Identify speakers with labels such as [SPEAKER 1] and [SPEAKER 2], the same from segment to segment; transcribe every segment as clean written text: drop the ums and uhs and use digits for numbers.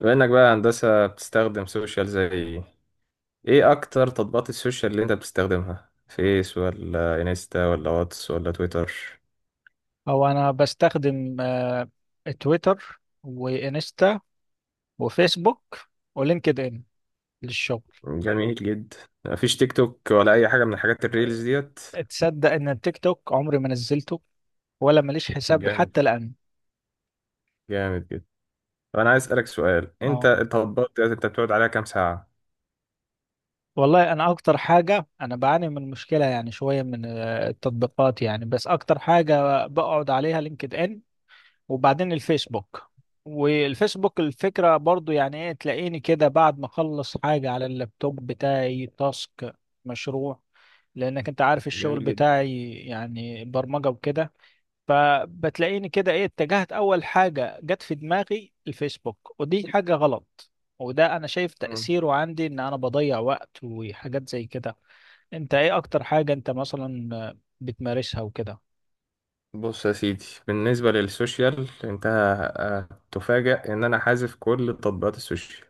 [SPEAKER 1] بما انك بقى هندسة بتستخدم سوشيال زي ايه؟ إيه اكتر تطبيقات السوشيال اللي انت بتستخدمها، فيس ولا انستا ولا واتس ولا تويتر؟
[SPEAKER 2] هو انا بستخدم تويتر وانستا وفيسبوك ولينكد ان للشغل.
[SPEAKER 1] جميل جدا. مفيش تيك توك ولا اي حاجة من الحاجات الريلز ديت؟
[SPEAKER 2] تصدق ان التيك توك عمري ما نزلته؟ ولا ماليش حساب
[SPEAKER 1] جامد.
[SPEAKER 2] حتى الان.
[SPEAKER 1] جامد جدا. طب انا عايز اسألك سؤال، انت
[SPEAKER 2] اه،
[SPEAKER 1] التطبيقات ديت انت بتقعد عليها كام ساعة؟
[SPEAKER 2] والله انا اكتر حاجه انا بعاني من مشكله يعني شويه من التطبيقات يعني، بس اكتر حاجه بقعد عليها لينكد ان، وبعدين الفيسبوك. والفيسبوك الفكرة برضو يعني ايه، تلاقيني كده بعد ما اخلص حاجة على اللابتوب بتاعي تاسك، مشروع، لانك انت عارف الشغل
[SPEAKER 1] جميل جدا.
[SPEAKER 2] بتاعي يعني برمجة وكده. فبتلاقيني كده ايه، اتجهت اول حاجة جت في دماغي الفيسبوك، ودي حاجة غلط. وده انا شايف
[SPEAKER 1] مم.
[SPEAKER 2] تأثيره عندي ان انا بضيع وقت وحاجات زي كده. انت ايه اكتر حاجة انت مثلا بتمارسها وكده؟
[SPEAKER 1] بص يا سيدي، بالنسبة للسوشيال انت هتفاجأ ان انا حازف كل تطبيقات السوشيال.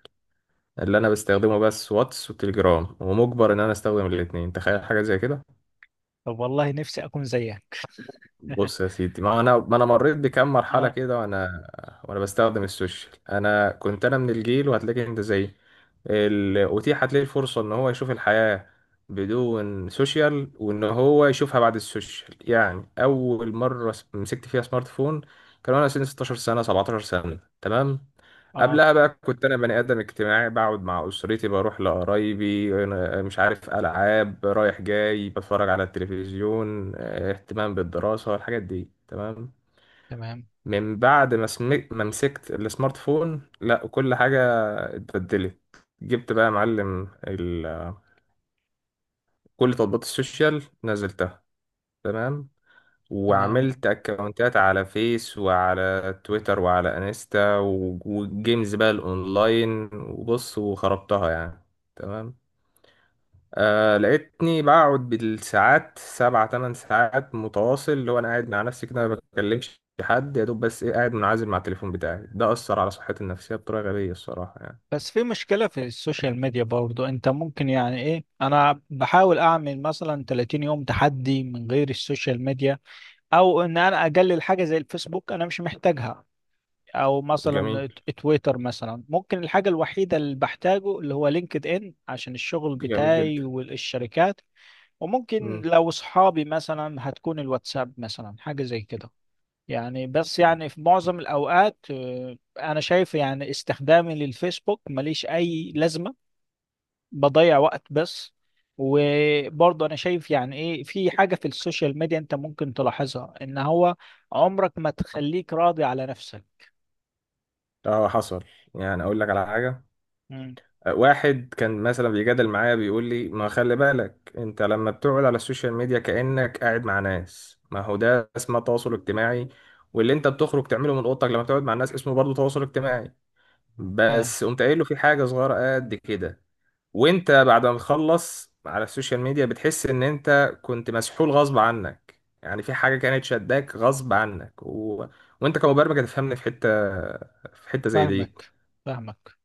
[SPEAKER 1] اللي انا بستخدمه بس واتس وتليجرام، ومجبر ان انا استخدم الاثنين، تخيل حاجه زي كده.
[SPEAKER 2] طب والله نفسي اكون زيك.
[SPEAKER 1] بص يا سيدي، ما انا مريت بكام مرحله
[SPEAKER 2] اه،
[SPEAKER 1] كده، وانا بستخدم السوشيال. انا كنت من الجيل، وهتلاقيك انت زيي، اتيحت ليه الفرصه ان هو يشوف الحياه بدون سوشيال، وان هو يشوفها بعد السوشيال. يعني اول مره مسكت فيها سمارت فون كان وانا سني 16 سنه، 17 سنه، تمام؟
[SPEAKER 2] اه،
[SPEAKER 1] قبلها بقى كنت انا بني ادم اجتماعي، بقعد مع اسرتي، بروح لقرايبي، أنا مش عارف، العاب، رايح جاي، بتفرج على التلفزيون، اهتمام بالدراسه، الحاجات دي، تمام؟
[SPEAKER 2] تمام،
[SPEAKER 1] من بعد ما مسكت السمارت فون، لا، كل حاجه اتبدلت. جبت بقى يا معلم كل تطبيقات السوشيال نزلتها، تمام؟
[SPEAKER 2] تمام.
[SPEAKER 1] وعملت اكونتات على فيس وعلى تويتر وعلى انستا وجيمز بقى الاونلاين، وبص وخربتها يعني. تمام. آه، لقيتني بقعد بالساعات، سبع تمن ساعات متواصل، اللي هو انا قاعد مع نفسي كده، ما بكلمش حد، يا دوب بس ايه، قاعد منعزل مع التليفون بتاعي. ده اثر على صحتي النفسيه بطريقه غبيه الصراحه يعني.
[SPEAKER 2] بس في مشكلة في السوشيال ميديا برضو، انت ممكن يعني ايه، انا بحاول اعمل مثلا 30 يوم تحدي من غير السوشيال ميديا، او ان انا اقلل حاجة زي الفيسبوك انا مش محتاجها، او مثلا
[SPEAKER 1] جميل.
[SPEAKER 2] تويتر مثلا. ممكن الحاجة الوحيدة اللي بحتاجه اللي هو لينكد ان عشان الشغل
[SPEAKER 1] جميل
[SPEAKER 2] بتاعي
[SPEAKER 1] جدا.
[SPEAKER 2] والشركات. وممكن
[SPEAKER 1] مم.
[SPEAKER 2] لو اصحابي مثلا هتكون الواتساب مثلا حاجة زي كده. يعني بس يعني في معظم الأوقات أنا شايف يعني استخدامي للفيسبوك ماليش أي لازمة، بضيع وقت بس. وبرضه أنا شايف يعني إيه، في حاجة في السوشيال ميديا أنت ممكن تلاحظها، إن هو عمرك ما تخليك راضي على نفسك.
[SPEAKER 1] اه، حصل. يعني اقول لك على حاجه،
[SPEAKER 2] مم.
[SPEAKER 1] واحد كان مثلا بيجادل معايا، بيقول لي ما خلي بالك انت لما بتقعد على السوشيال ميديا كأنك قاعد مع ناس، ما هو ده اسمه تواصل اجتماعي، واللي انت بتخرج تعمله من اوضتك لما تقعد مع الناس اسمه برضه تواصل اجتماعي.
[SPEAKER 2] فاهم.
[SPEAKER 1] بس قمت قايل له في حاجة صغيرة قد كده، وانت بعد ما تخلص على السوشيال ميديا بتحس ان انت كنت مسحول غصب عنك، يعني في حاجة كانت شداك غصب عنك و... وانت كمبرمج هتفهمني في حتة زي دي.
[SPEAKER 2] فاهمك، فاهمك.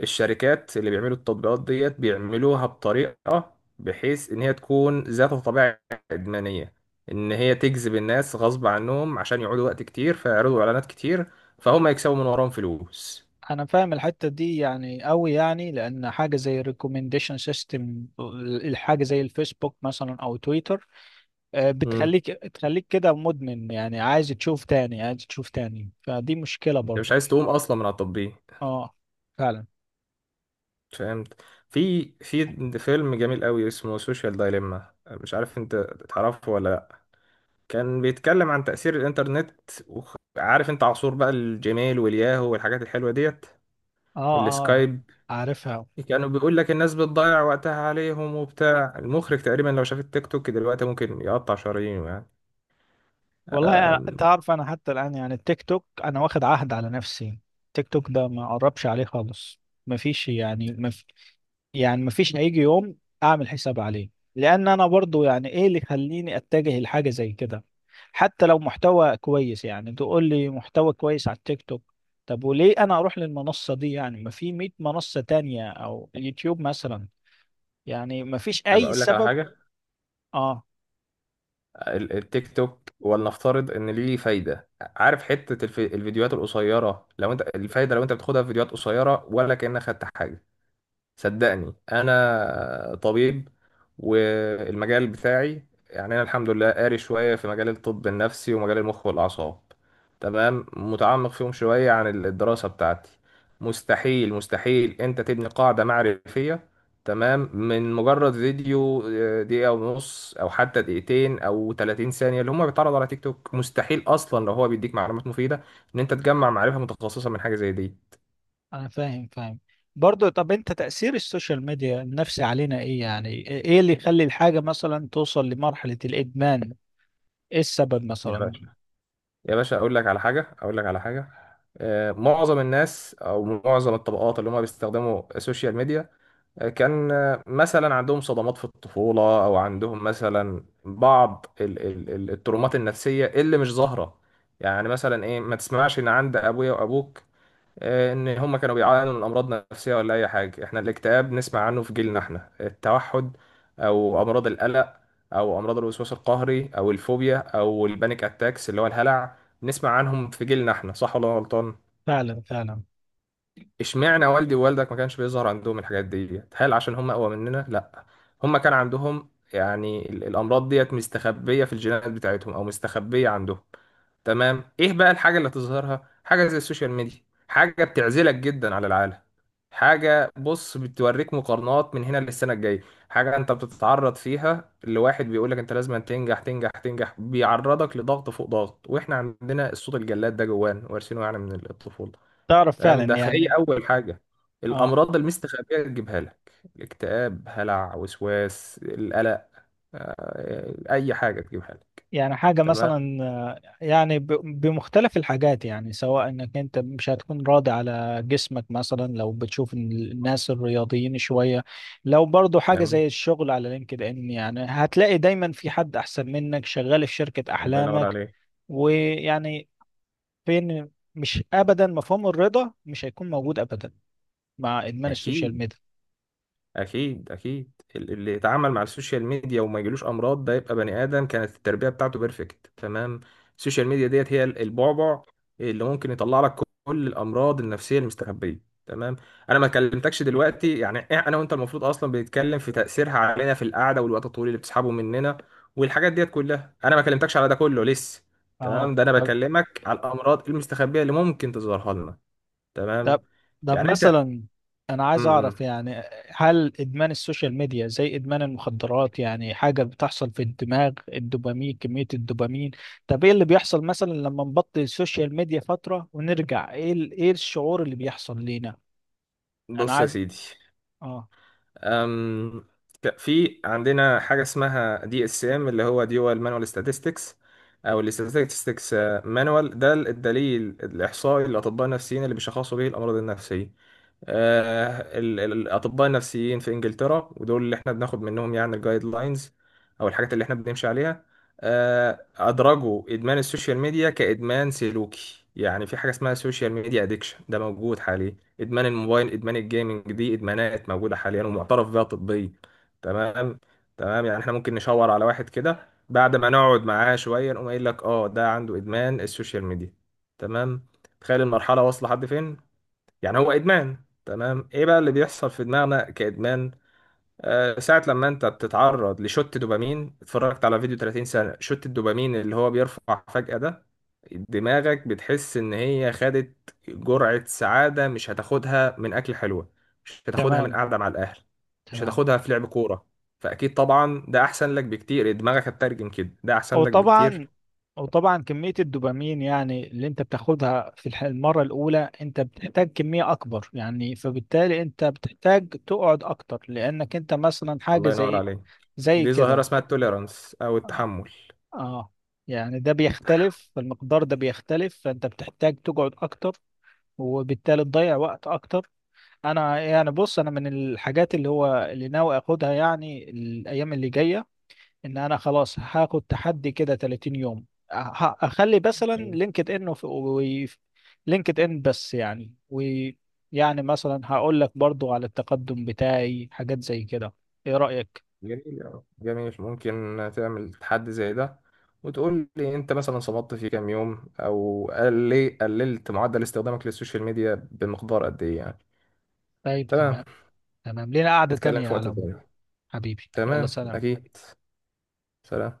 [SPEAKER 1] الشركات اللي بيعملوا التطبيقات ديت بيعملوها بطريقة بحيث إن هي تكون ذات طبيعة إدمانية، إن هي تجذب الناس غصب عنهم عشان يقعدوا وقت كتير، فيعرضوا إعلانات كتير، فهم يكسبوا من وراهم فلوس.
[SPEAKER 2] أنا فاهم الحتة دي يعني أوي، يعني لأن حاجة زي الريكومنديشن سيستم، الحاجة زي الفيسبوك مثلا أو تويتر،
[SPEAKER 1] مم.
[SPEAKER 2] بتخليك كده مدمن، يعني عايز تشوف تاني، عايز تشوف تاني، فدي مشكلة
[SPEAKER 1] أنت مش
[SPEAKER 2] برضو.
[SPEAKER 1] عايز تقوم أصلا من على التطبيق.
[SPEAKER 2] اه، فعلا.
[SPEAKER 1] فهمت. في فيلم جميل قوي اسمه سوشيال دايليما، مش عارف انت تعرفه ولا لا. كان بيتكلم عن تأثير الإنترنت، وعارف انت عصور بقى الجيميل والياهو والحاجات الحلوة ديت،
[SPEAKER 2] اه، اه.
[SPEAKER 1] والسكايب،
[SPEAKER 2] عارفها.
[SPEAKER 1] كانوا بيقول لك الناس بتضيع وقتها عليهم وبتاع. المخرج تقريبا لو شاف التيك توك دلوقتي ممكن يقطع شرايينه يعني.
[SPEAKER 2] والله
[SPEAKER 1] أم،
[SPEAKER 2] تعرف انا حتى الان يعني التيك توك انا واخد عهد على نفسي، التيك توك ده ما اقربش عليه خالص. ما فيش يعني، يعني مفيش هيجي يوم اعمل حساب عليه، لان انا برضو يعني ايه اللي يخليني اتجه لحاجه زي كده؟ حتى لو محتوى كويس، يعني تقول لي محتوى كويس على التيك توك، طب وليه انا اروح للمنصه دي؟ يعني ما في 100 منصه تانية او يوتيوب مثلا، يعني ما فيش
[SPEAKER 1] انا
[SPEAKER 2] اي
[SPEAKER 1] بقول لك على
[SPEAKER 2] سبب.
[SPEAKER 1] حاجه،
[SPEAKER 2] اه،
[SPEAKER 1] التيك توك ولنفترض ان ليه فايده، عارف حته الفيديوهات القصيره، لو انت الفايده لو انت بتاخدها في فيديوهات قصيره، ولا كأنك خدت حاجه؟ صدقني انا طبيب، والمجال بتاعي يعني انا الحمد لله قاري شويه في مجال الطب النفسي ومجال المخ والاعصاب، تمام، متعمق فيهم شويه عن الدراسه بتاعتي. مستحيل انت تبني قاعده معرفيه، تمام، من مجرد فيديو دقيقه ونص او حتى دقيقتين او 30 ثانيه اللي هم بيتعرضوا على تيك توك، مستحيل اصلا لو هو بيديك معلومات مفيده ان انت تجمع معرفه متخصصه من حاجه زي دي.
[SPEAKER 2] انا فاهم، فاهم. برضو طب انت تاثير السوشيال ميديا النفسي علينا ايه؟ يعني ايه اللي يخلي الحاجه مثلا توصل لمرحله الادمان؟ ايه السبب
[SPEAKER 1] دي
[SPEAKER 2] مثلا؟
[SPEAKER 1] يا باشا اقول لك على حاجه، معظم الناس او معظم الطبقات اللي هم بيستخدموا السوشيال ميديا، آه، كان آه، مثلا عندهم صدمات في الطفوله، او عندهم مثلا بعض الترومات النفسيه اللي مش ظاهره. يعني مثلا ايه، ما تسمعش ان عند ابويا وابوك ان هم كانوا بيعانوا من امراض نفسيه ولا اي حاجه. احنا الاكتئاب نسمع عنه في جيلنا، احنا التوحد او امراض القلق او امراض الوسواس القهري او الفوبيا او البانيك اتاكس اللي هو الهلع نسمع عنهم في جيلنا احنا، صح ولا أنا غلطان؟
[SPEAKER 2] فعلا، فعلا.
[SPEAKER 1] اشمعنى والدي ووالدك ما كانش بيظهر عندهم الحاجات دي، هل عشان هم اقوى مننا؟ لا، هم كان عندهم يعني الامراض ديت مستخبيه في الجينات بتاعتهم او مستخبيه عندهم. تمام؟ ايه بقى الحاجه اللي تظهرها؟ حاجه زي السوشيال ميديا، حاجه بتعزلك جدا على العالم، حاجه بص بتوريك مقارنات من هنا للسنه الجايه، حاجه انت بتتعرض فيها لواحد بيقول لك انت لازم تنجح تنجح تنجح، بيعرضك لضغط فوق ضغط، واحنا عندنا الصوت الجلاد ده جوانا وارثينه يعني من الطفوله،
[SPEAKER 2] تعرف فعلا
[SPEAKER 1] تمام؟ ده فهي
[SPEAKER 2] يعني.
[SPEAKER 1] اول حاجه،
[SPEAKER 2] اه،
[SPEAKER 1] الامراض المستخبيه تجيبها لك، الاكتئاب، هلع، وسواس، القلق، اي حاجه تجيبها لك.
[SPEAKER 2] يعني حاجة
[SPEAKER 1] تمام.
[SPEAKER 2] مثلا يعني بمختلف الحاجات، يعني سواء انك انت مش هتكون راضي على جسمك مثلا لو بتشوف إن الناس الرياضيين شوية، لو برضو حاجة
[SPEAKER 1] جميل.
[SPEAKER 2] زي الشغل على لينكد ان يعني هتلاقي دايما في حد احسن منك شغال في شركة
[SPEAKER 1] الله ينور
[SPEAKER 2] احلامك.
[SPEAKER 1] عليك.
[SPEAKER 2] ويعني فين، مش ابدا، مفهوم الرضا مش هيكون موجود ابدا مع ادمان السوشيال
[SPEAKER 1] اكيد.
[SPEAKER 2] ميديا.
[SPEAKER 1] اكيد اللي يتعامل مع السوشيال ميديا وما يجيلوش امراض ده يبقى بني ادم كانت التربيه بتاعته بيرفكت، تمام؟ السوشيال ميديا ديت هي البعبع اللي ممكن يطلع لك كل الامراض النفسيه المستخبيه، تمام؟ انا ما كلمتكش دلوقتي يعني انا وانت المفروض اصلا بنتكلم في تاثيرها علينا في القعده والوقت الطويل اللي بتسحبه مننا والحاجات ديت كلها، انا ما كلمتكش على ده كله لسه.
[SPEAKER 2] اه،
[SPEAKER 1] تمام؟ ده انا
[SPEAKER 2] طب.
[SPEAKER 1] بكلمك على الامراض المستخبيه اللي ممكن تظهرها لنا.
[SPEAKER 2] طب.
[SPEAKER 1] تمام؟
[SPEAKER 2] طب
[SPEAKER 1] يعني انت
[SPEAKER 2] مثلا، انا
[SPEAKER 1] م-
[SPEAKER 2] عايز اعرف
[SPEAKER 1] م.
[SPEAKER 2] يعني، هل ادمان السوشيال ميديا زي ادمان المخدرات؟ يعني حاجة بتحصل في الدماغ، الدوبامين، كمية الدوبامين. طب ايه اللي بيحصل مثلا لما نبطل السوشيال ميديا فترة ونرجع؟ ايه ايه الشعور اللي بيحصل لينا؟ انا
[SPEAKER 1] بص يا
[SPEAKER 2] عايز.
[SPEAKER 1] سيدي،
[SPEAKER 2] اه.
[SPEAKER 1] أم، في عندنا حاجة اسمها دي اس ام، اللي هو ديوال مانوال statistics او الاستاتستكس مانوال، ده الدليل الاحصائي للاطباء النفسيين اللي بيشخصوا به الامراض النفسية. الاطباء النفسيين في انجلترا ودول اللي احنا بناخد منهم يعني الجايد لاينز او الحاجات اللي احنا بنمشي عليها، ادرجوا ادمان السوشيال ميديا كادمان سلوكي. يعني في حاجه اسمها سوشيال ميديا ادكشن، ده موجود حاليا. ادمان الموبايل، ادمان الجيمنج، دي ادمانات موجوده حاليا ومعترف بها طبيا، تمام؟ تمام، يعني احنا ممكن نشاور على واحد كده بعد ما نقعد معاه شويه نقوم قايل لك اه ده عنده ادمان السوشيال ميديا، تمام؟ تخيل المرحله واصله لحد فين، يعني هو ادمان. تمام. ايه بقى اللي بيحصل في دماغنا كادمان؟ آه، ساعه لما انت بتتعرض لشوت دوبامين، اتفرجت على فيديو 30 سنه، شوت الدوبامين اللي هو بيرفع فجاه ده، دماغك بتحس ان هي خدت جرعه سعاده مش هتاخدها من اكل حلوه، مش هتاخدها من
[SPEAKER 2] تمام،
[SPEAKER 1] قعده مع الاهل، مش
[SPEAKER 2] تمام.
[SPEAKER 1] هتاخدها في لعب كوره، فاكيد طبعا ده احسن لك بكتير، دماغك هتترجم كده ده احسن لك بكتير.
[SPEAKER 2] وطبعا وطبعا كمية الدوبامين يعني اللي انت بتاخدها في المرة الأولى، انت بتحتاج كمية أكبر، يعني فبالتالي انت بتحتاج تقعد أكتر لأنك انت مثلا حاجة
[SPEAKER 1] الله
[SPEAKER 2] زي
[SPEAKER 1] ينور
[SPEAKER 2] إيه؟
[SPEAKER 1] عليك.
[SPEAKER 2] زي
[SPEAKER 1] دي ظاهره
[SPEAKER 2] كده.
[SPEAKER 1] اسمها التوليرانس او
[SPEAKER 2] اه.
[SPEAKER 1] التحمل.
[SPEAKER 2] آه. يعني ده بيختلف، المقدار ده بيختلف، فانت بتحتاج تقعد أكتر وبالتالي تضيع وقت أكتر. أنا يعني بص، أنا من الحاجات اللي هو اللي ناوي أخدها يعني الأيام اللي جاية، ان انا خلاص هاخد تحدي كده 30 يوم. اخلي مثلا لينكد ان و لينكد ان بس يعني. ويعني مثلا هقول لك برضو على التقدم بتاعي حاجات زي كده، ايه رأيك؟
[SPEAKER 1] جميل أوي. جميل، ممكن تعمل تحدي زي ده وتقول لي انت مثلا صمدت في كام يوم، او قلي قللت معدل استخدامك للسوشيال ميديا بمقدار قد ايه يعني.
[SPEAKER 2] طيب،
[SPEAKER 1] تمام.
[SPEAKER 2] تمام. تمام، لينا قعدة
[SPEAKER 1] نتكلم
[SPEAKER 2] تانية يا
[SPEAKER 1] في وقت
[SPEAKER 2] علم.
[SPEAKER 1] تاني.
[SPEAKER 2] حبيبي يلا
[SPEAKER 1] تمام،
[SPEAKER 2] سلام.
[SPEAKER 1] اكيد. سلام.